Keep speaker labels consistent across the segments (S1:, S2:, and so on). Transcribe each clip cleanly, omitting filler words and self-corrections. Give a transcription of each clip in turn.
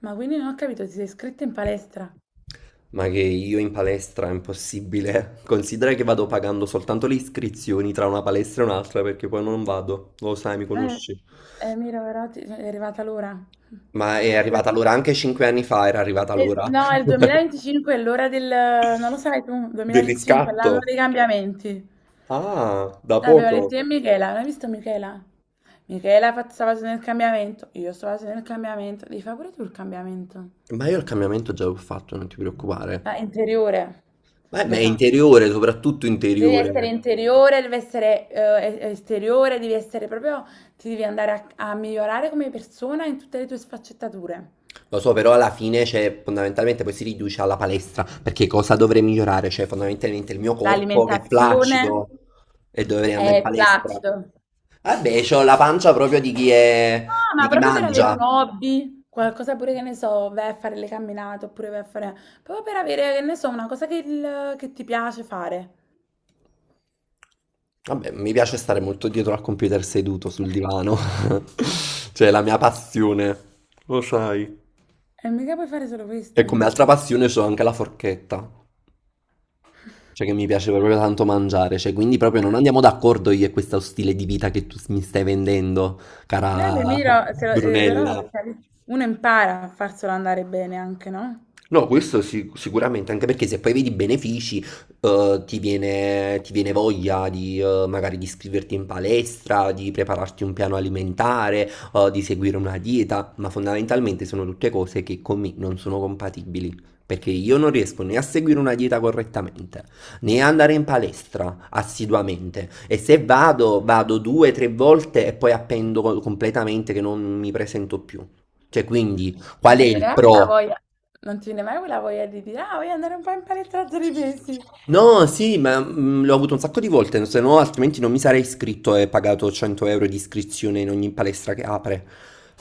S1: Ma quindi non ho capito, ti sei iscritta in palestra?
S2: Ma che io in palestra è impossibile. Considera che vado pagando soltanto le iscrizioni tra una palestra e un'altra perché poi non vado. Lo sai, mi
S1: Eh,
S2: conosci.
S1: mira, però è arrivata l'ora.
S2: Ma è arrivata l'ora anche 5 anni fa, era arrivata l'ora
S1: No, il 2025 è l'ora del... Non lo sai tu,
S2: del
S1: 2025 è l'anno
S2: riscatto.
S1: dei cambiamenti.
S2: Ah, da
S1: L'abbiamo
S2: poco.
S1: detto io e Michela, l'hai visto Michela? Michela sta facendo il cambiamento, io sto facendo il cambiamento. Devi fare pure tu il cambiamento.
S2: Ma io il cambiamento già l'ho fatto, non ti
S1: Ah,
S2: preoccupare.
S1: interiore,
S2: Ma è
S1: l'hai fatto.
S2: interiore, soprattutto
S1: Devi essere
S2: interiore.
S1: interiore, devi essere esteriore, devi essere proprio, ti devi andare a, a migliorare come persona in tutte le tue sfaccettature.
S2: Lo so, però alla fine, cioè, fondamentalmente poi si riduce alla palestra, perché cosa dovrei migliorare? Cioè, fondamentalmente il mio corpo che è
S1: L'alimentazione
S2: flaccido e dovrei andare in
S1: è
S2: palestra.
S1: clutch. Ah,
S2: Vabbè, c'ho la pancia proprio di chi è,
S1: ma
S2: di chi
S1: proprio per avere un
S2: mangia.
S1: hobby, qualcosa pure che ne so, vai a fare le camminate oppure vai a fare... Proprio per avere, che ne so, una cosa che ti piace fare.
S2: Vabbè, mi piace stare molto dietro al computer seduto sul divano. Cioè, è la mia passione. Lo sai.
S1: E mica puoi fare solo
S2: E
S1: questo.
S2: come altra passione c'ho anche la forchetta. Cioè che mi piace proprio tanto mangiare, cioè quindi proprio non andiamo d'accordo io e questo stile di vita che tu mi stai vendendo,
S1: Beh,
S2: cara
S1: Miro, però
S2: Brunella.
S1: cioè, uno impara a farselo andare bene anche, no?
S2: No, questo sicuramente, anche perché se poi vedi i benefici, ti viene voglia di magari di iscriverti in palestra, di prepararti un piano alimentare, di seguire una dieta, ma fondamentalmente sono tutte cose che con me non sono compatibili, perché io non riesco né a seguire una dieta correttamente, né a andare in palestra assiduamente, e se vado, vado 2, 3 volte e poi appendo completamente che non mi presento più. Cioè, quindi, qual
S1: Non
S2: è
S1: ti viene
S2: il
S1: mai la
S2: pro?
S1: voglia, non ti viene mai quella voglia di dire, ah, voglio andare un po' in palestra tra 3 mesi.
S2: No, sì, ma l'ho avuto un sacco di volte, se no altrimenti non mi sarei iscritto e pagato 100 euro di iscrizione in ogni palestra che apre.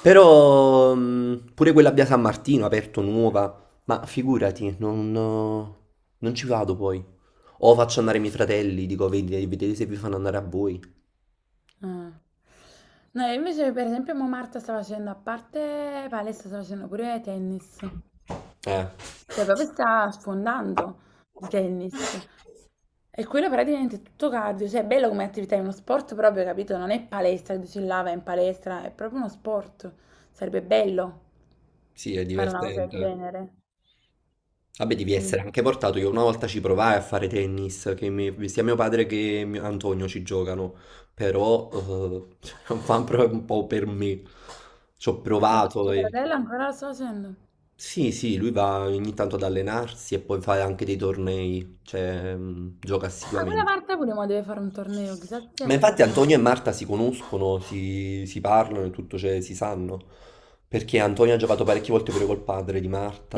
S2: Però pure quella a Via San Martino, aperto nuova, ma figurati, non ci vado poi. O faccio andare i miei fratelli, dico, vedete se vi fanno andare a voi".
S1: Ah. No, io invece per esempio mo Marta sta facendo, a parte palestra, sta facendo pure tennis.
S2: Eh,
S1: Cioè proprio sta sfondando di tennis. E quello praticamente è tutto cardio. Cioè è bello come attività, è uno sport proprio, capito? Non è palestra, che dici là vai in palestra, è proprio uno sport. Sarebbe bello
S2: sì, è
S1: fare una cosa del
S2: divertente.
S1: genere.
S2: Vabbè, devi essere
S1: Comunque.
S2: anche portato. Io una volta ci provai a fare tennis, che sia mio padre che Antonio ci giocano, però non fa proprio un po' per me. Ci ho
S1: Ma
S2: provato
S1: tuo
S2: e...
S1: fratello ancora lo sta facendo?
S2: Sì, sì, lui va ogni tanto ad allenarsi e poi fa anche dei tornei, cioè gioca
S1: Ah, quella
S2: assiduamente.
S1: Marta pure ma deve fare un torneo, chissà se si
S2: Ma infatti
S1: acchiappa.
S2: Antonio e Marta si conoscono, si parlano e tutto, cioè si sanno, perché Antonio ha giocato parecchie volte pure col padre di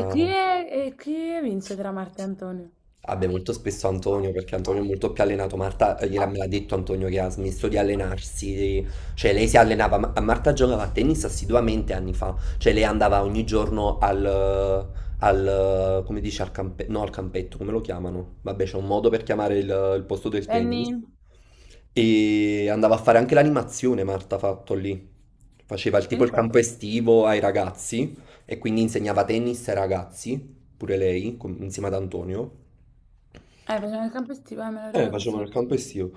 S1: E chi vince tra Marta e Antonio?
S2: Vabbè, molto spesso Antonio, perché Antonio è molto più allenato. Marta gliela me l'ha detto Antonio che ha smesso di allenarsi, cioè lei si allenava, Marta giocava a tennis assiduamente anni fa, cioè lei andava ogni giorno al come dice, al no, al campetto, come lo chiamano? Vabbè, c'è un modo per chiamare il posto del tennis.
S1: Penny,
S2: E andava a fare anche l'animazione, Marta ha fatto lì. Faceva il tipo
S1: vieni
S2: il
S1: qua.
S2: campo estivo ai ragazzi e quindi insegnava tennis ai ragazzi pure lei, insieme ad Antonio.
S1: Facciamo il campo estivo, me lo ricordo
S2: Facevano
S1: sto.
S2: il campo estivo.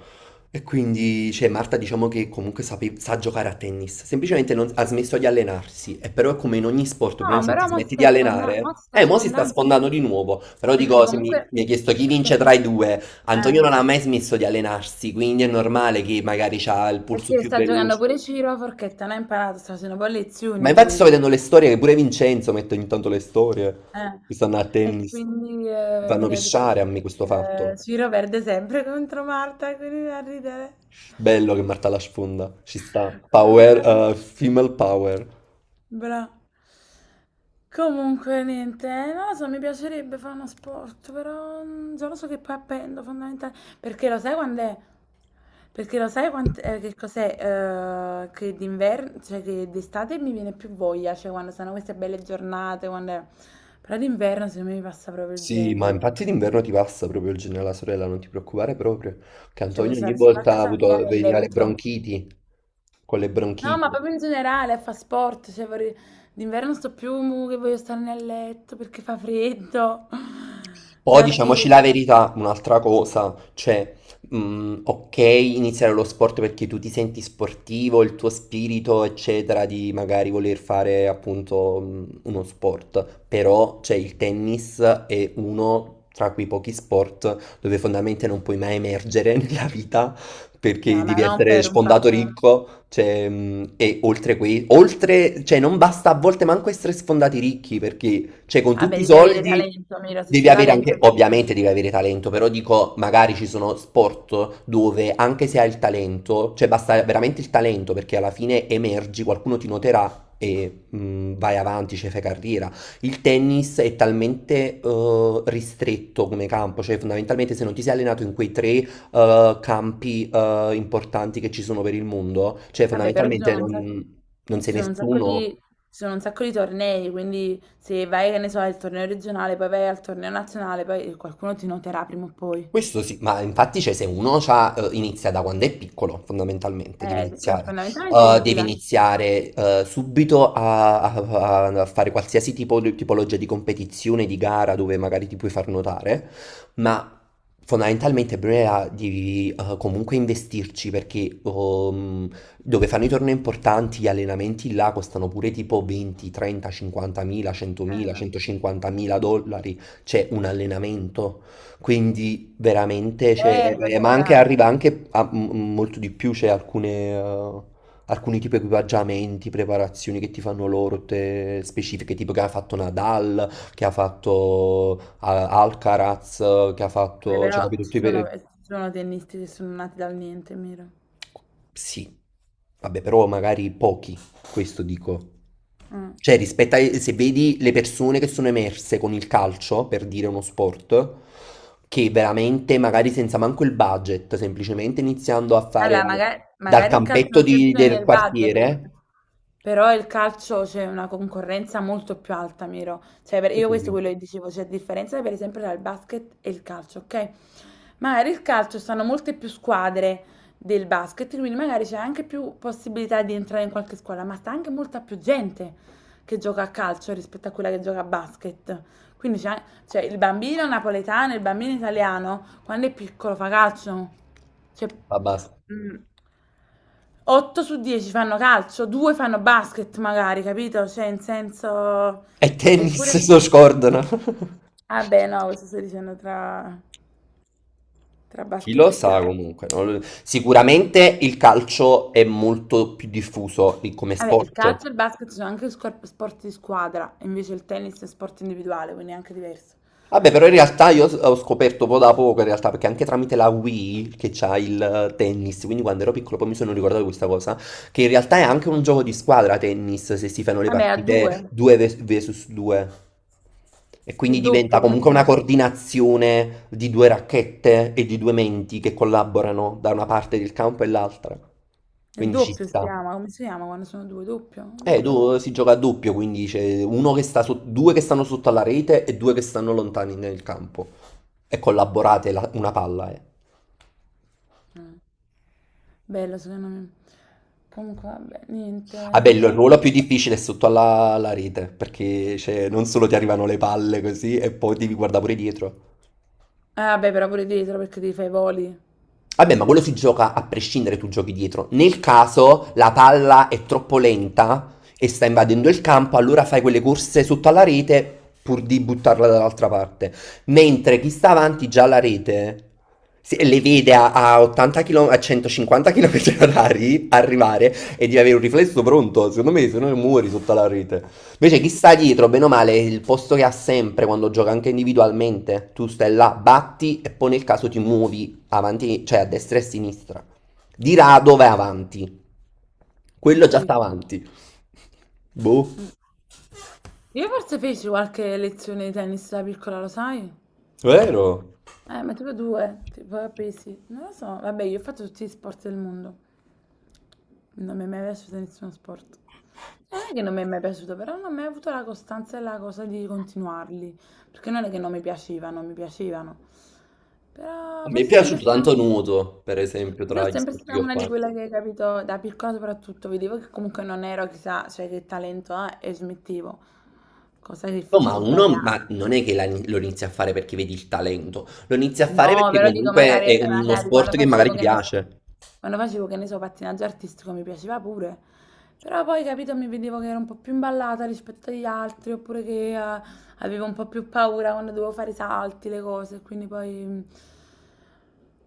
S2: E quindi, cioè, Marta diciamo che comunque sa giocare a tennis, semplicemente ha smesso di allenarsi, e però è come in ogni sport, per
S1: No,
S2: esempio, se
S1: però
S2: ti
S1: mo si
S2: smetti di
S1: sta sfondando, mo
S2: allenare,
S1: si sta
S2: mo si sta
S1: sfondando.
S2: sfondando di nuovo, però
S1: Perché
S2: dico, se mi,
S1: comunque...
S2: mi hai chiesto chi vince
S1: Perché,
S2: tra i due, Antonio
S1: eh,
S2: non ha mai smesso di allenarsi, quindi è normale che magari ha il pulso
S1: perché
S2: più
S1: sta giocando
S2: veloce.
S1: pure Ciro a forchetta, non ha imparato, sta facendo poi
S2: Ma
S1: lezioni
S2: infatti
S1: lui.
S2: sto
S1: Cioè,
S2: vedendo le storie, che pure Vincenzo mette ogni tanto le storie,
S1: eh.
S2: che stanno a
S1: E
S2: tennis.
S1: quindi
S2: Mi fanno
S1: mi ha detto
S2: pisciare a me questo
S1: che
S2: fatto.
S1: Ciro perde sempre contro Marta, quindi da ridere.
S2: Bello che Marta la sfonda, ci sta. Power,
S1: Ah,
S2: female power.
S1: Bra. Comunque, niente, non lo so, mi piacerebbe fare uno sport, però mm, già lo so che poi appendo fondamentale, perché lo sai quando è? Perché lo sai che cos'è? Eh, che d'inverno, cioè che d'estate mi viene più voglia, cioè quando sono queste belle giornate, quando è- Però d'inverno secondo me mi passa proprio il
S2: Sì, ma
S1: genio.
S2: infatti d'inverno ti passa proprio il genio alla sorella, non ti preoccupare proprio, che
S1: Cioè, puoi
S2: Antonio ogni
S1: stare solo a
S2: volta ha
S1: casa mia
S2: avuto,
S1: nel
S2: veniva le
S1: letto.
S2: bronchiti, con le
S1: No, ma
S2: bronchiti.
S1: proprio in generale, fa sport, cioè vorrei... d'inverno sto più mu, che voglio stare nel letto perché fa freddo
S2: Poi
S1: la
S2: diciamoci la
S1: sera.
S2: verità, un'altra cosa, cioè, ok, iniziare lo sport perché tu ti senti sportivo, il tuo spirito, eccetera, di magari voler fare appunto uno sport, però c'è il tennis è uno tra quei pochi sport dove fondamentalmente non puoi mai emergere nella vita perché
S1: No, ma
S2: devi
S1: non
S2: essere
S1: per un
S2: sfondato
S1: fatto...
S2: ricco, cioè, e oltre, cioè non basta a volte manco essere sfondati ricchi perché... Cioè, con
S1: Vabbè,
S2: tutti i
S1: devi avere
S2: soldi
S1: talento, mira, se
S2: devi
S1: c'è
S2: avere
S1: talento...
S2: anche,
S1: se-
S2: ovviamente devi avere talento, però dico, magari ci sono sport dove anche se hai il talento, cioè basta veramente il talento perché alla fine emergi, qualcuno ti noterà. E vai avanti, cioè fai carriera. Il tennis è talmente ristretto come campo, cioè fondamentalmente se non ti sei allenato in quei tre campi importanti che ci sono per il mondo, cioè
S1: Vabbè, però ci
S2: fondamentalmente
S1: sono un sacco,
S2: non
S1: ci
S2: sei
S1: sono un sacco di...
S2: nessuno.
S1: ci sono un sacco di tornei, quindi se vai, che ne so, al torneo regionale, poi vai al torneo nazionale, poi qualcuno ti noterà prima o poi.
S2: Questo sì, ma infatti cioè, se uno c'ha, inizia da quando è piccolo, fondamentalmente, devi
S1: Eh,
S2: iniziare.
S1: fondamentalmente devi
S2: Devi
S1: iniziare da piccolo.
S2: iniziare subito a fare qualsiasi tipo di tipologia di competizione, di gara dove magari ti puoi far notare, ma fondamentalmente Brea devi comunque investirci perché dove fanno i tornei importanti, gli allenamenti là costano pure tipo 20, 30, 50 mila, 100 mila,
S1: Vabbè.
S2: 150 mila dollari, c'è un allenamento. Quindi veramente, cioè, ma anche,
S1: Esagerato.
S2: arriva anche a molto di più, c'è eh, alcuni tipi di equipaggiamenti, preparazioni che ti fanno loro, specifiche, tipo che ha fatto Nadal, che ha fatto Alcaraz, che ha
S1: Beh,
S2: fatto, cioè,
S1: però
S2: capito, tutti
S1: ci sono tennisti che sono nati dal niente, Miro.
S2: sì, vabbè, però magari pochi, questo dico.
S1: Mm.
S2: Cioè, rispetto a se vedi le persone che sono emerse con il calcio, per dire uno sport, che veramente magari senza manco il budget, semplicemente iniziando a fare
S1: Allora, magari,
S2: dal
S1: magari il calcio
S2: campetto
S1: non c'è bisogno
S2: del
S1: del budget,
S2: quartiere,
S1: però il calcio c'è una concorrenza molto più alta, Miro. Cioè, io
S2: questo
S1: questo è
S2: sì,
S1: quello che dicevo, c'è differenza per esempio tra il basket e il calcio, ok? Magari il calcio stanno molte più squadre del basket, quindi magari c'è anche più possibilità di entrare in qualche squadra, ma sta anche molta più gente che gioca a calcio rispetto a quella che gioca a basket. Quindi c'è, cioè, il bambino napoletano, il bambino italiano, quando è piccolo fa calcio. Cioè,
S2: va basta.
S1: mh. 8 su 10 fanno calcio, 2 fanno basket magari, capito? Cioè, in senso...
S2: E
S1: Eppure...
S2: tennis lo scordano.
S1: Ah beh, no, questo stai dicendo tra, tra
S2: Chi
S1: basket
S2: lo
S1: e
S2: sa
S1: calcio.
S2: comunque, non lo- sicuramente il calcio è molto più diffuso come
S1: Vabbè, il
S2: sport.
S1: calcio e il basket sono anche sport di squadra, invece il tennis è sport individuale, quindi è anche diverso.
S2: Vabbè, però in realtà io ho scoperto poco da poco, in realtà, perché anche tramite la Wii che c'ha il tennis, quindi quando ero piccolo poi mi sono ricordato di questa cosa, che in realtà è anche un gioco di squadra tennis, se si fanno le
S1: Vabbè, a
S2: partite
S1: due,
S2: 2 vs 2. E quindi
S1: il
S2: diventa
S1: doppio, come si
S2: comunque una
S1: chiama?
S2: coordinazione di due racchette e di due menti che collaborano da una parte del campo e l'altra.
S1: Il
S2: Quindi ci
S1: doppio si
S2: sta.
S1: chiama, come si chiama quando sono due? Doppio? Non mi ricordo.
S2: Si gioca a doppio, quindi c'è uno che sta due che stanno sotto alla rete e due che stanno lontani nel campo. E collaborate una palla, eh.
S1: Mm. Bello, secondo me. Comunque, vabbè, niente,
S2: Ah, bello, il
S1: io...
S2: ruolo più difficile è sotto alla rete, perché cioè, non solo ti arrivano le palle così, e poi devi guardare pure dietro.
S1: Beh, però pure dietro perché ti fai i voli.
S2: Vabbè, ma quello si gioca a prescindere, tu giochi dietro. Nel caso la palla è troppo lenta e sta invadendo il campo, allora fai quelle corse sotto alla rete pur di buttarla dall'altra parte. Mentre chi sta avanti già alla rete le vede a 80 km, a 150 km orari arrivare e devi avere un riflesso pronto. Secondo me, se no muori sotto alla rete. Invece
S1: Mm.
S2: chi sta dietro, bene o male, è il posto che ha sempre quando gioca anche individualmente. Tu stai là, batti e poi nel caso ti muovi avanti, cioè a destra e a sinistra. Di rado vai avanti.
S1: Ho
S2: Quello già sta
S1: capito.
S2: avanti. Boh.
S1: Mm. Io forse feci qualche lezione di tennis da piccola, lo sai?
S2: Vero?
S1: Ma tipo due, tipo a pesi. Non lo so. Vabbè, io ho fatto tutti gli sport del mondo. Non mi è mai piaciuto nessuno sport. Non è che non mi è mai piaciuto, però non ho mai avuto la costanza e la cosa di continuarli. Perché non è che non mi piacevano, mi piacevano.
S2: A
S1: Però
S2: me è
S1: forse è sempre
S2: piaciuto
S1: stata.
S2: tanto nuoto, per esempio,
S1: Io
S2: tra
S1: sono
S2: gli
S1: sempre
S2: sport
S1: stata
S2: che ho
S1: una di
S2: fatto.
S1: quelle che, capito, da piccola soprattutto, vedevo che comunque non ero chissà, cioè che talento ha e smettevo, cosa che
S2: No, ma
S1: forse è
S2: uno ma
S1: sbagliata.
S2: non è che lo inizi a fare perché vedi il talento, lo inizi a fare
S1: No,
S2: perché
S1: però dico,
S2: comunque
S1: magari,
S2: è uno
S1: magari quando
S2: sport che magari
S1: facevo,
S2: ti
S1: che ne so,
S2: piace.
S1: quando facevo, che ne so, pattinaggio artistico mi piaceva pure, però poi, capito, mi vedevo che ero un po' più imballata rispetto agli altri, oppure che avevo un po' più paura quando dovevo fare i salti, le cose, quindi poi mm,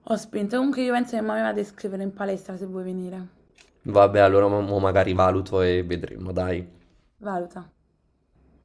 S1: ho spinto. Comunque io penso che mamma mi vada a iscrivere in palestra se vuoi venire,
S2: Vabbè, allora mo magari valuto e vedremo, dai.
S1: valuta.